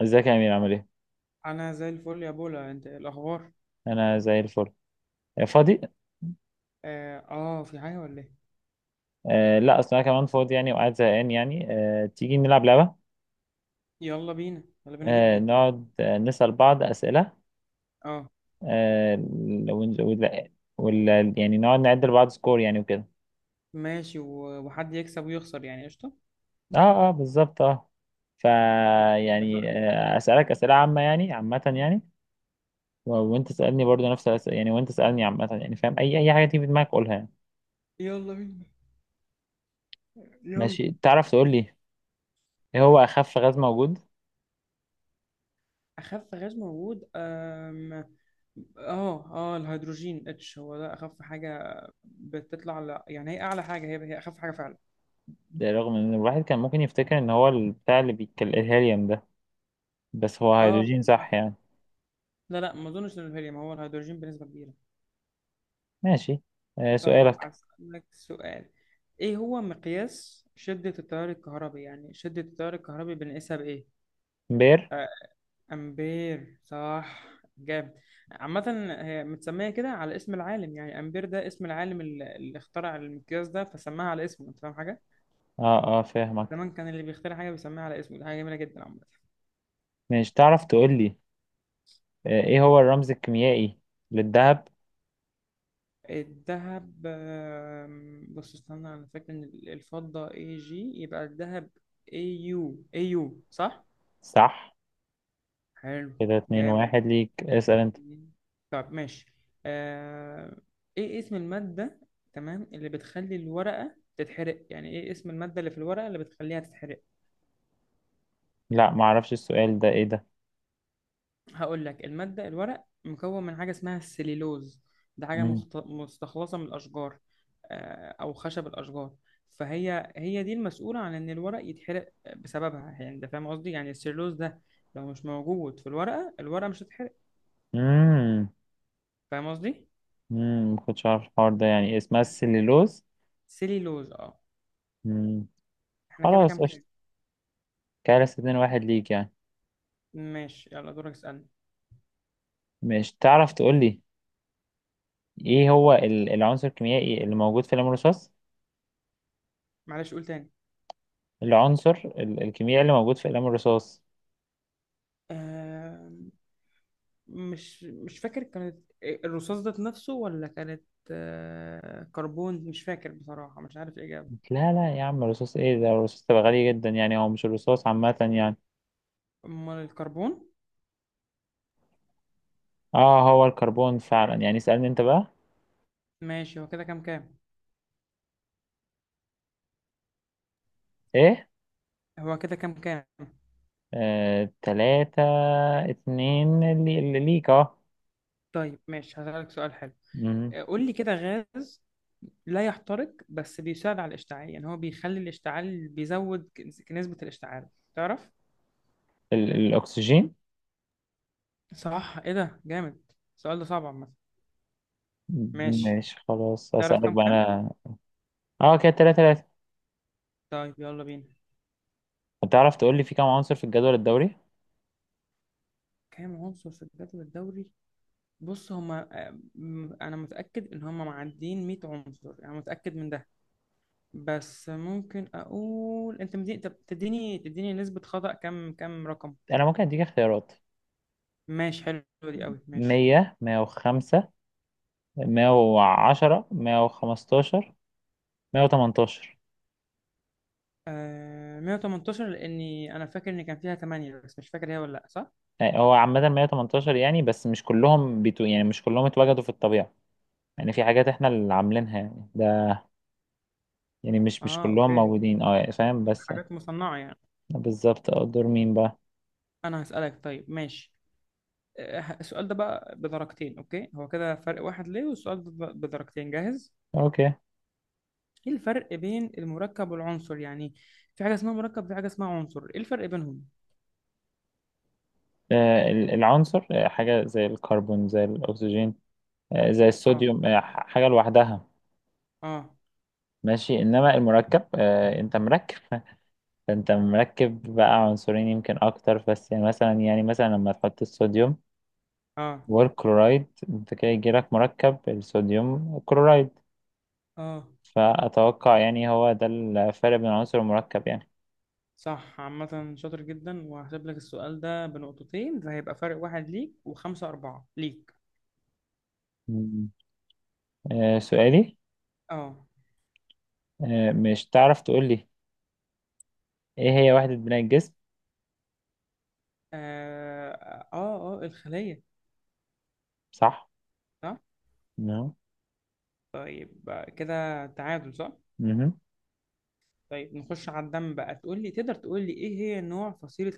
ازيك يا امير عامل ايه؟ انا زي الفل يا بولا، انت إيه الاخبار؟ انا زي الفل. آه، فاضي. اه، في حاجه ولا ايه؟ آه، لا، اصل انا كمان فاضي يعني وقاعد زهقان يعني. تيجي نلعب لعبه؟ يلا بينا، يلا بينا جدا. نقعد نسال بعض اسئله. اه، آه ون- ولا يعني نقعد نعد لبعض سكور يعني وكده. ماشي. وحد يكسب ويخسر، يعني قشطه. اه، اه، بالظبط، اه. فا يعني اتفقنا. اسالك اسئله عامه يعني، عامه يعني. وانت تسالني برضو نفس الاسئله يعني، وانت تسالني عامه يعني، فاهم اي حاجه تيجي في دماغك قولها يعني. يلا بينا، يلا. ماشي، تعرف تقول لي ايه هو اخف غاز موجود؟ اخف غاز موجود؟ اه، اه، الهيدروجين H هو ده اخف حاجه. بتطلع على، يعني هي اعلى حاجه، هي اخف حاجه فعلا. ده رغم ان الواحد كان ممكن يفتكر ان هو البتاع اللي بيتكلم الهيليوم ده، بس هو اه، هيدروجين صح مثلا. يعني. لا، لا، ما اظنش ان الهيليوم هو الهيدروجين بنسبه كبيره. ماشي. آه، طيب سؤالك. هسألك سؤال. ايه هو مقياس شدة التيار الكهربي؟ يعني شدة التيار الكهربي بنقيسها بإيه؟ بير. آه، أمبير صح. جامد. عامة. هي متسمية كده على اسم العالم، يعني أمبير ده اسم العالم اللي اخترع المقياس ده، فسماها على اسمه. أنت فاهم حاجة؟ اه، اه، فاهمك. زمان كان اللي بيخترع حاجة بيسميها على اسمه، دي حاجة جميلة جدا عامة. ماشي، تعرف تقول لي ايه هو الرمز الكيميائي للذهب؟ الذهب، بص استنى، أنا فاكر إن الفضة Ag، يبقى الذهب Au، Au، صح؟ صح. حلو. كده اتنين جامد. واحد ليك، اسأل انت. مم. طب ماشي. آه... ايه اسم المادة، تمام، اللي بتخلي الورقة تتحرق، يعني ايه اسم المادة اللي في الورقة اللي بتخليها تتحرق؟ لا، معرفش السؤال ده، ايه ده؟ هقول لك، المادة، الورق مكون من حاجة اسمها السليلوز. ده حاجة مم. مستخلصة من الأشجار. أو خشب الأشجار. فهي دي المسؤولة عن إن الورق يتحرق بسببها، يعني أنت فاهم قصدي؟ يعني السليلوز ده، لو مش موجود في الورقة، الورقة مش هتتحرق. مم. فاهم قصدي؟ مم. ما كنتش عارف الحوار ده، يعني اسمها السليلوز. سليلوز، اه. مم. احنا كده كام خلاص قشطة. كام؟ كده لسه اتنين واحد ليك يعني. ماشي، يلا، دورك، اسألني. ماشي، تعرف تقول لي ايه هو العنصر الكيميائي اللي موجود في قلم الرصاص؟ معلش، قول تاني. العنصر الكيميائي اللي موجود في قلم الرصاص. آه مش فاكر كانت، الرصاص ده نفسه ولا كانت، كربون، مش فاكر بصراحة، مش عارف الإجابة. لا لا يا عم، الرصاص؟ ايه ده، الرصاص تبقى غالي جدا يعني، هو مش الرصاص عامة يعني. أمال الكربون. اه، هو الكربون فعلا يعني، اسألني انت بقى. ماشي، هو كده كام كام؟ ايه؟ هو كده كام كام؟ آه، تلاتة اتنين، اللي ليك اه. طيب ماشي، هسألك سؤال حلو. مم. قول لي كده، غاز لا يحترق بس بيساعد على الاشتعال، يعني هو بيخلي الاشتعال، بيزود نسبة الاشتعال. تعرف؟ الاكسجين. صح، ايه ده جامد. السؤال ده صعب عامة. ماشي. ماشي خلاص، تعرف اسألك كام بقى كام؟ انا. اه كده تلاتة تلاتة. طيب يلا بينا. هتعرف تقول لي في كام عنصر في الجدول الدوري؟ كام عنصر في الجدول الدوري؟ بص هما، انا متاكد ان هما معديين 100 عنصر، انا متاكد من ده. بس ممكن اقول انت طب تديني نسبه خطا كام كام رقم. انا ممكن اديك اختيارات. ماشي، حلوه. دي قوي، ماشي. 100، 105، 110، 115، 118. 118، لاني انا فاكر ان كان فيها 8، بس مش فاكر هي ولا لا، صح. يعني هو عامة 118 يعني، بس مش كلهم بيتو يعني، مش كلهم اتوجدوا في الطبيعة يعني، في حاجات احنا اللي عاملينها يعني ده، يعني مش اه، كلهم اوكي. موجودين، اه فاهم بس. حاجات مصنعه يعني. بالظبط اه. دور مين بقى؟ انا هسالك، طيب ماشي. السؤال ده بقى بدرجتين، اوكي، هو كده فرق واحد ليه، والسؤال ده بدرجتين، جاهز؟ اوكي. ايه الفرق بين المركب والعنصر يعني؟ في حاجة اسمها مركب، وفي حاجة اسمها عنصر، ايه الفرق بينهم؟ آه، العنصر، آه، حاجة زي الكربون زي الأكسجين، آه، زي اه، الصوديوم، حاجة لوحدها. اه، ماشي، إنما المركب، آه، أنت مركب، أنت مركب بقى عنصرين يمكن أكتر، بس يعني مثلا، يعني مثلا لما تحط الصوديوم اه، والكلورايد، انت كده يجيلك مركب الصوديوم كلورايد. اه، فأتوقع يعني هو ده الفرق بين عنصر المركب يعني. صح، عامة شاطر جدا، وهحسب لك السؤال ده بنقطتين، فهيبقى فرق واحد ليك، وخمسة أربعة ليك. مم. آه، سؤالي. اه، مش تعرف تقول لي ايه هي وحدة بناء الجسم؟ اه، اه، الخلية. صح؟ صح. نعم. طيب، كده تعادل، صح. مهم. طيب نخش على الدم بقى. تقول لي تقدر تقول لي ايه هي نوع فصيلة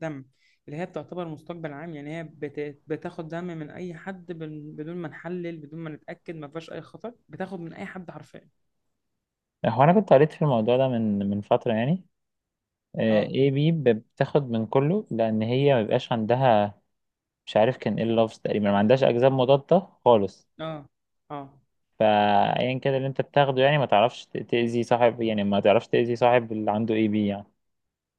الدم، اللي هي بتعتبر مستقبل عام، يعني هي بتاخد دم من اي حد، بدون ما نحلل، بدون ما نتأكد ما فيهاش اي خطر، بتاخد من اي حد حرفيا؟ هو أنا كنت قريت في الموضوع ده من فترة يعني. آه، اه، ايه بي، بتاخد من كله، لأن هي مبيبقاش عندها، مش عارف كان ايه اللفظ، تقريبا ما عندهاش أجزاء مضادة خالص. اه، اه، فايا كده اللي انت بتاخده يعني، ما تعرفش تأذي صاحب، يعني ما تعرفش تأذي صاحب اللي عنده اي بي يعني.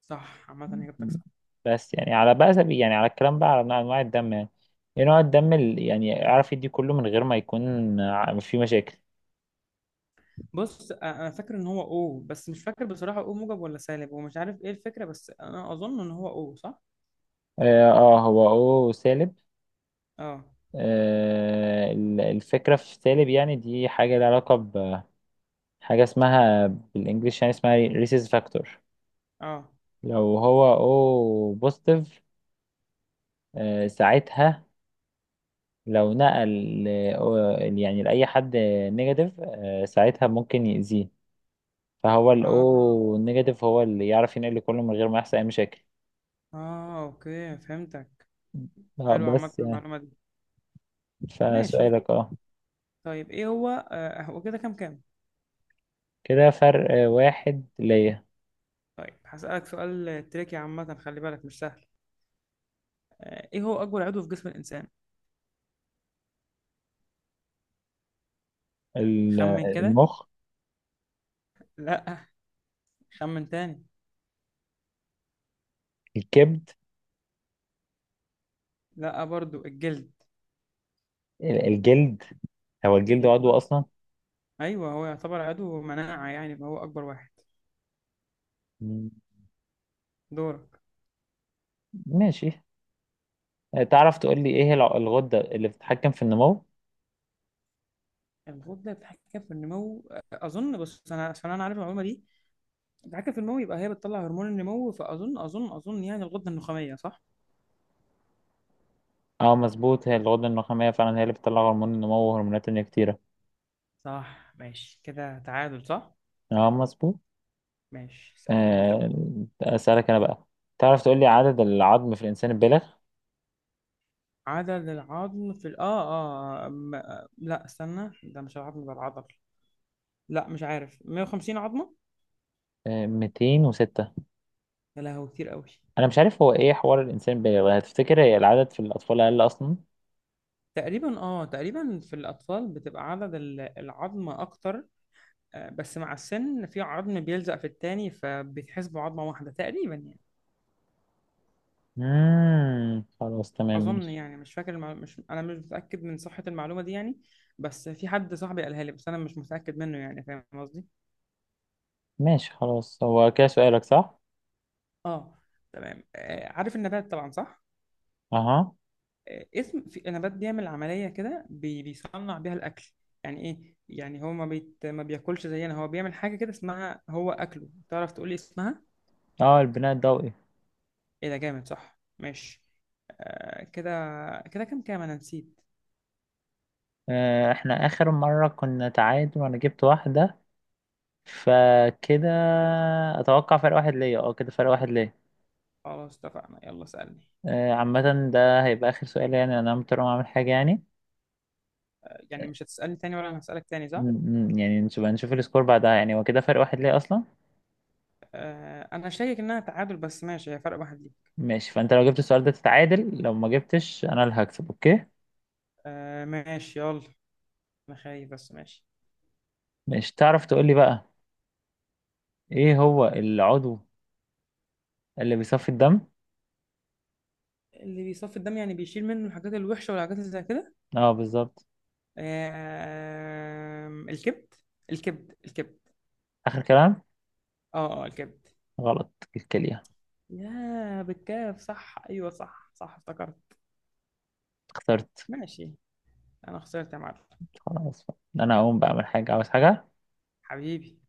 صح، عامة اجابتك صح. بس يعني على بقى سبيل، يعني على الكلام بقى على انواع الدم يعني، ايه نوع الدم اللي يعني اعرف يدي كله من غير ما يكون في مشاكل. بص، انا فاكر ان هو او، بس مش فاكر بصراحة او موجب ولا سالب، ومش عارف ايه الفكرة، بس انا اظن ان هو او، صح. اه، آه، هو او سالب. اه، آه، الفكرة في سالب يعني، دي حاجة لها علاقة بحاجة اسمها بالانجلش، يعني اسمها ريسيس فاكتور. اه، لو هو او بوزيتيف، آه ساعتها، لو نقل يعني لأي حد نيجاتيف، آه، ساعتها ممكن يأذيه. فهو اه، الأو نيجاتيف هو اللي يعرف ينقل كله من غير ما يحصل أي مشاكل. اه، اوكي فهمتك. اه حلو، عامة بس يعني. المعلومة دي. ماشي. فسؤالك اه. طيب، ايه هو آه، هو كده كام كام؟ كده فرق، آه، واحد ليا. طيب هسألك سؤال تريكي، عامة خلي بالك مش سهل. ايه هو اكبر عضو في جسم الانسان؟ ال- خمن كده. المخ. لا. خمن تاني. الكبد. لا، برضو. الجلد. الجلد. هو الجلد عضو ايوه، أصلا؟ ايوه، هو يعتبر عضو مناعة يعني، فهو اكبر واحد. مم. دورك. ماشي. آه، تعرف تقول لي إيه هي الغدة اللي بتتحكم في النمو؟ الغدة بتتحكم في النمو، اظن. بص انا، عشان انا عارف المعلومة دي. بتتحكم في النمو يبقى هي بتطلع هرمون النمو، فاظن اظن اظن يعني الغدة النخامية، صح. اه مظبوط، هي الغدة النخامية فعلا، هي اللي بتطلع هرمون النمو وهرمونات تانية كتيرة. صح، ماشي، كده تعادل، صح. اه مظبوط. ماشي، اسألني انت. آه، أسألك أنا بقى، تعرف تقول لي عدد العظم في الإنسان البالغ؟ عضل العظم في ال... اه اه آه، م... آه، لا، استنى، ده مش العظم ده العضل. لا، مش عارف، 150 عظمة. آه، 206. يا لهوي، كتير قوي. أنا مش عارف هو إيه حوار الإنسان البالغ، هتفتكر هي العدد في الأطفال أقل أصلا؟ تقريبا في الأطفال بتبقى عدد العظم أكتر. بس مع السن في عظم بيلزق في التاني، فبيتحسبوا عظمة واحدة تقريبا يعني. مم. خلاص تمام أظن ماشي. يعني مش فاكر المعلومة. مش أنا مش متأكد من صحة المعلومة دي يعني. بس في حد، صاحبي، قالها لي، بس أنا مش متأكد منه يعني، فاهم قصدي؟ ماشي خلاص، هو كده سؤالك صح؟ اه. تمام. عارف النبات طبعا، صح؟ أها. اسم في نبات بيعمل عملية كده بيصنع بيها الأكل. يعني إيه؟ يعني هو ما بياكلش زينا، هو بيعمل حاجة كده اسمها، هو أكله، تعرف تقولي اسمها؟ أه، البناء الضوئي. إيه ده جامد، صح، ماشي. آه كده. كده كام كام، أنا نسيت. آه، إحنا آخر مرة كنا تعادل وأنا جبت واحدة، فكده أتوقع فرق واحد ليا، أه كده فرق واحد ليا. خلاص اتفقنا، يلا سألني. آه، عامة ده هيبقى آخر سؤال يعني، أنا مضطر أقوم أعمل حاجة يعني. يعني مش هتسألني تاني ولا أنا هسألك تاني، صح؟ م- م. يعني نشوف السكور بعدها، يعني هو كده فرق واحد ليه اصلا. أنا شاكك إنها تعادل بس ماشي، هي فرق واحد ليك. ماشي، فانت لو جبت السؤال ده تتعادل، لو ما جبتش انا اللي هكسب. اوكي، ماشي يلا. أنا خايف، بس ماشي. مش تعرف تقول لي بقى ايه هو العضو اللي بيصفي الدم؟ اللي بيصفي الدم، يعني بيشيل منه الحاجات الوحشة والحاجات اللي زي كده. اه بالظبط. الكبد. الكبد، الكبد. اخر كلام. اه، اه، الكبد. غلط، الكلية. يا بالكاف، صح، ايوه، صح، صح افتكرت. خسرت. ماشي. انا خسرت يا معلم. خلاص بقى. انا هقوم بقى اعمل حاجة، عاوز حاجة. حبيبي.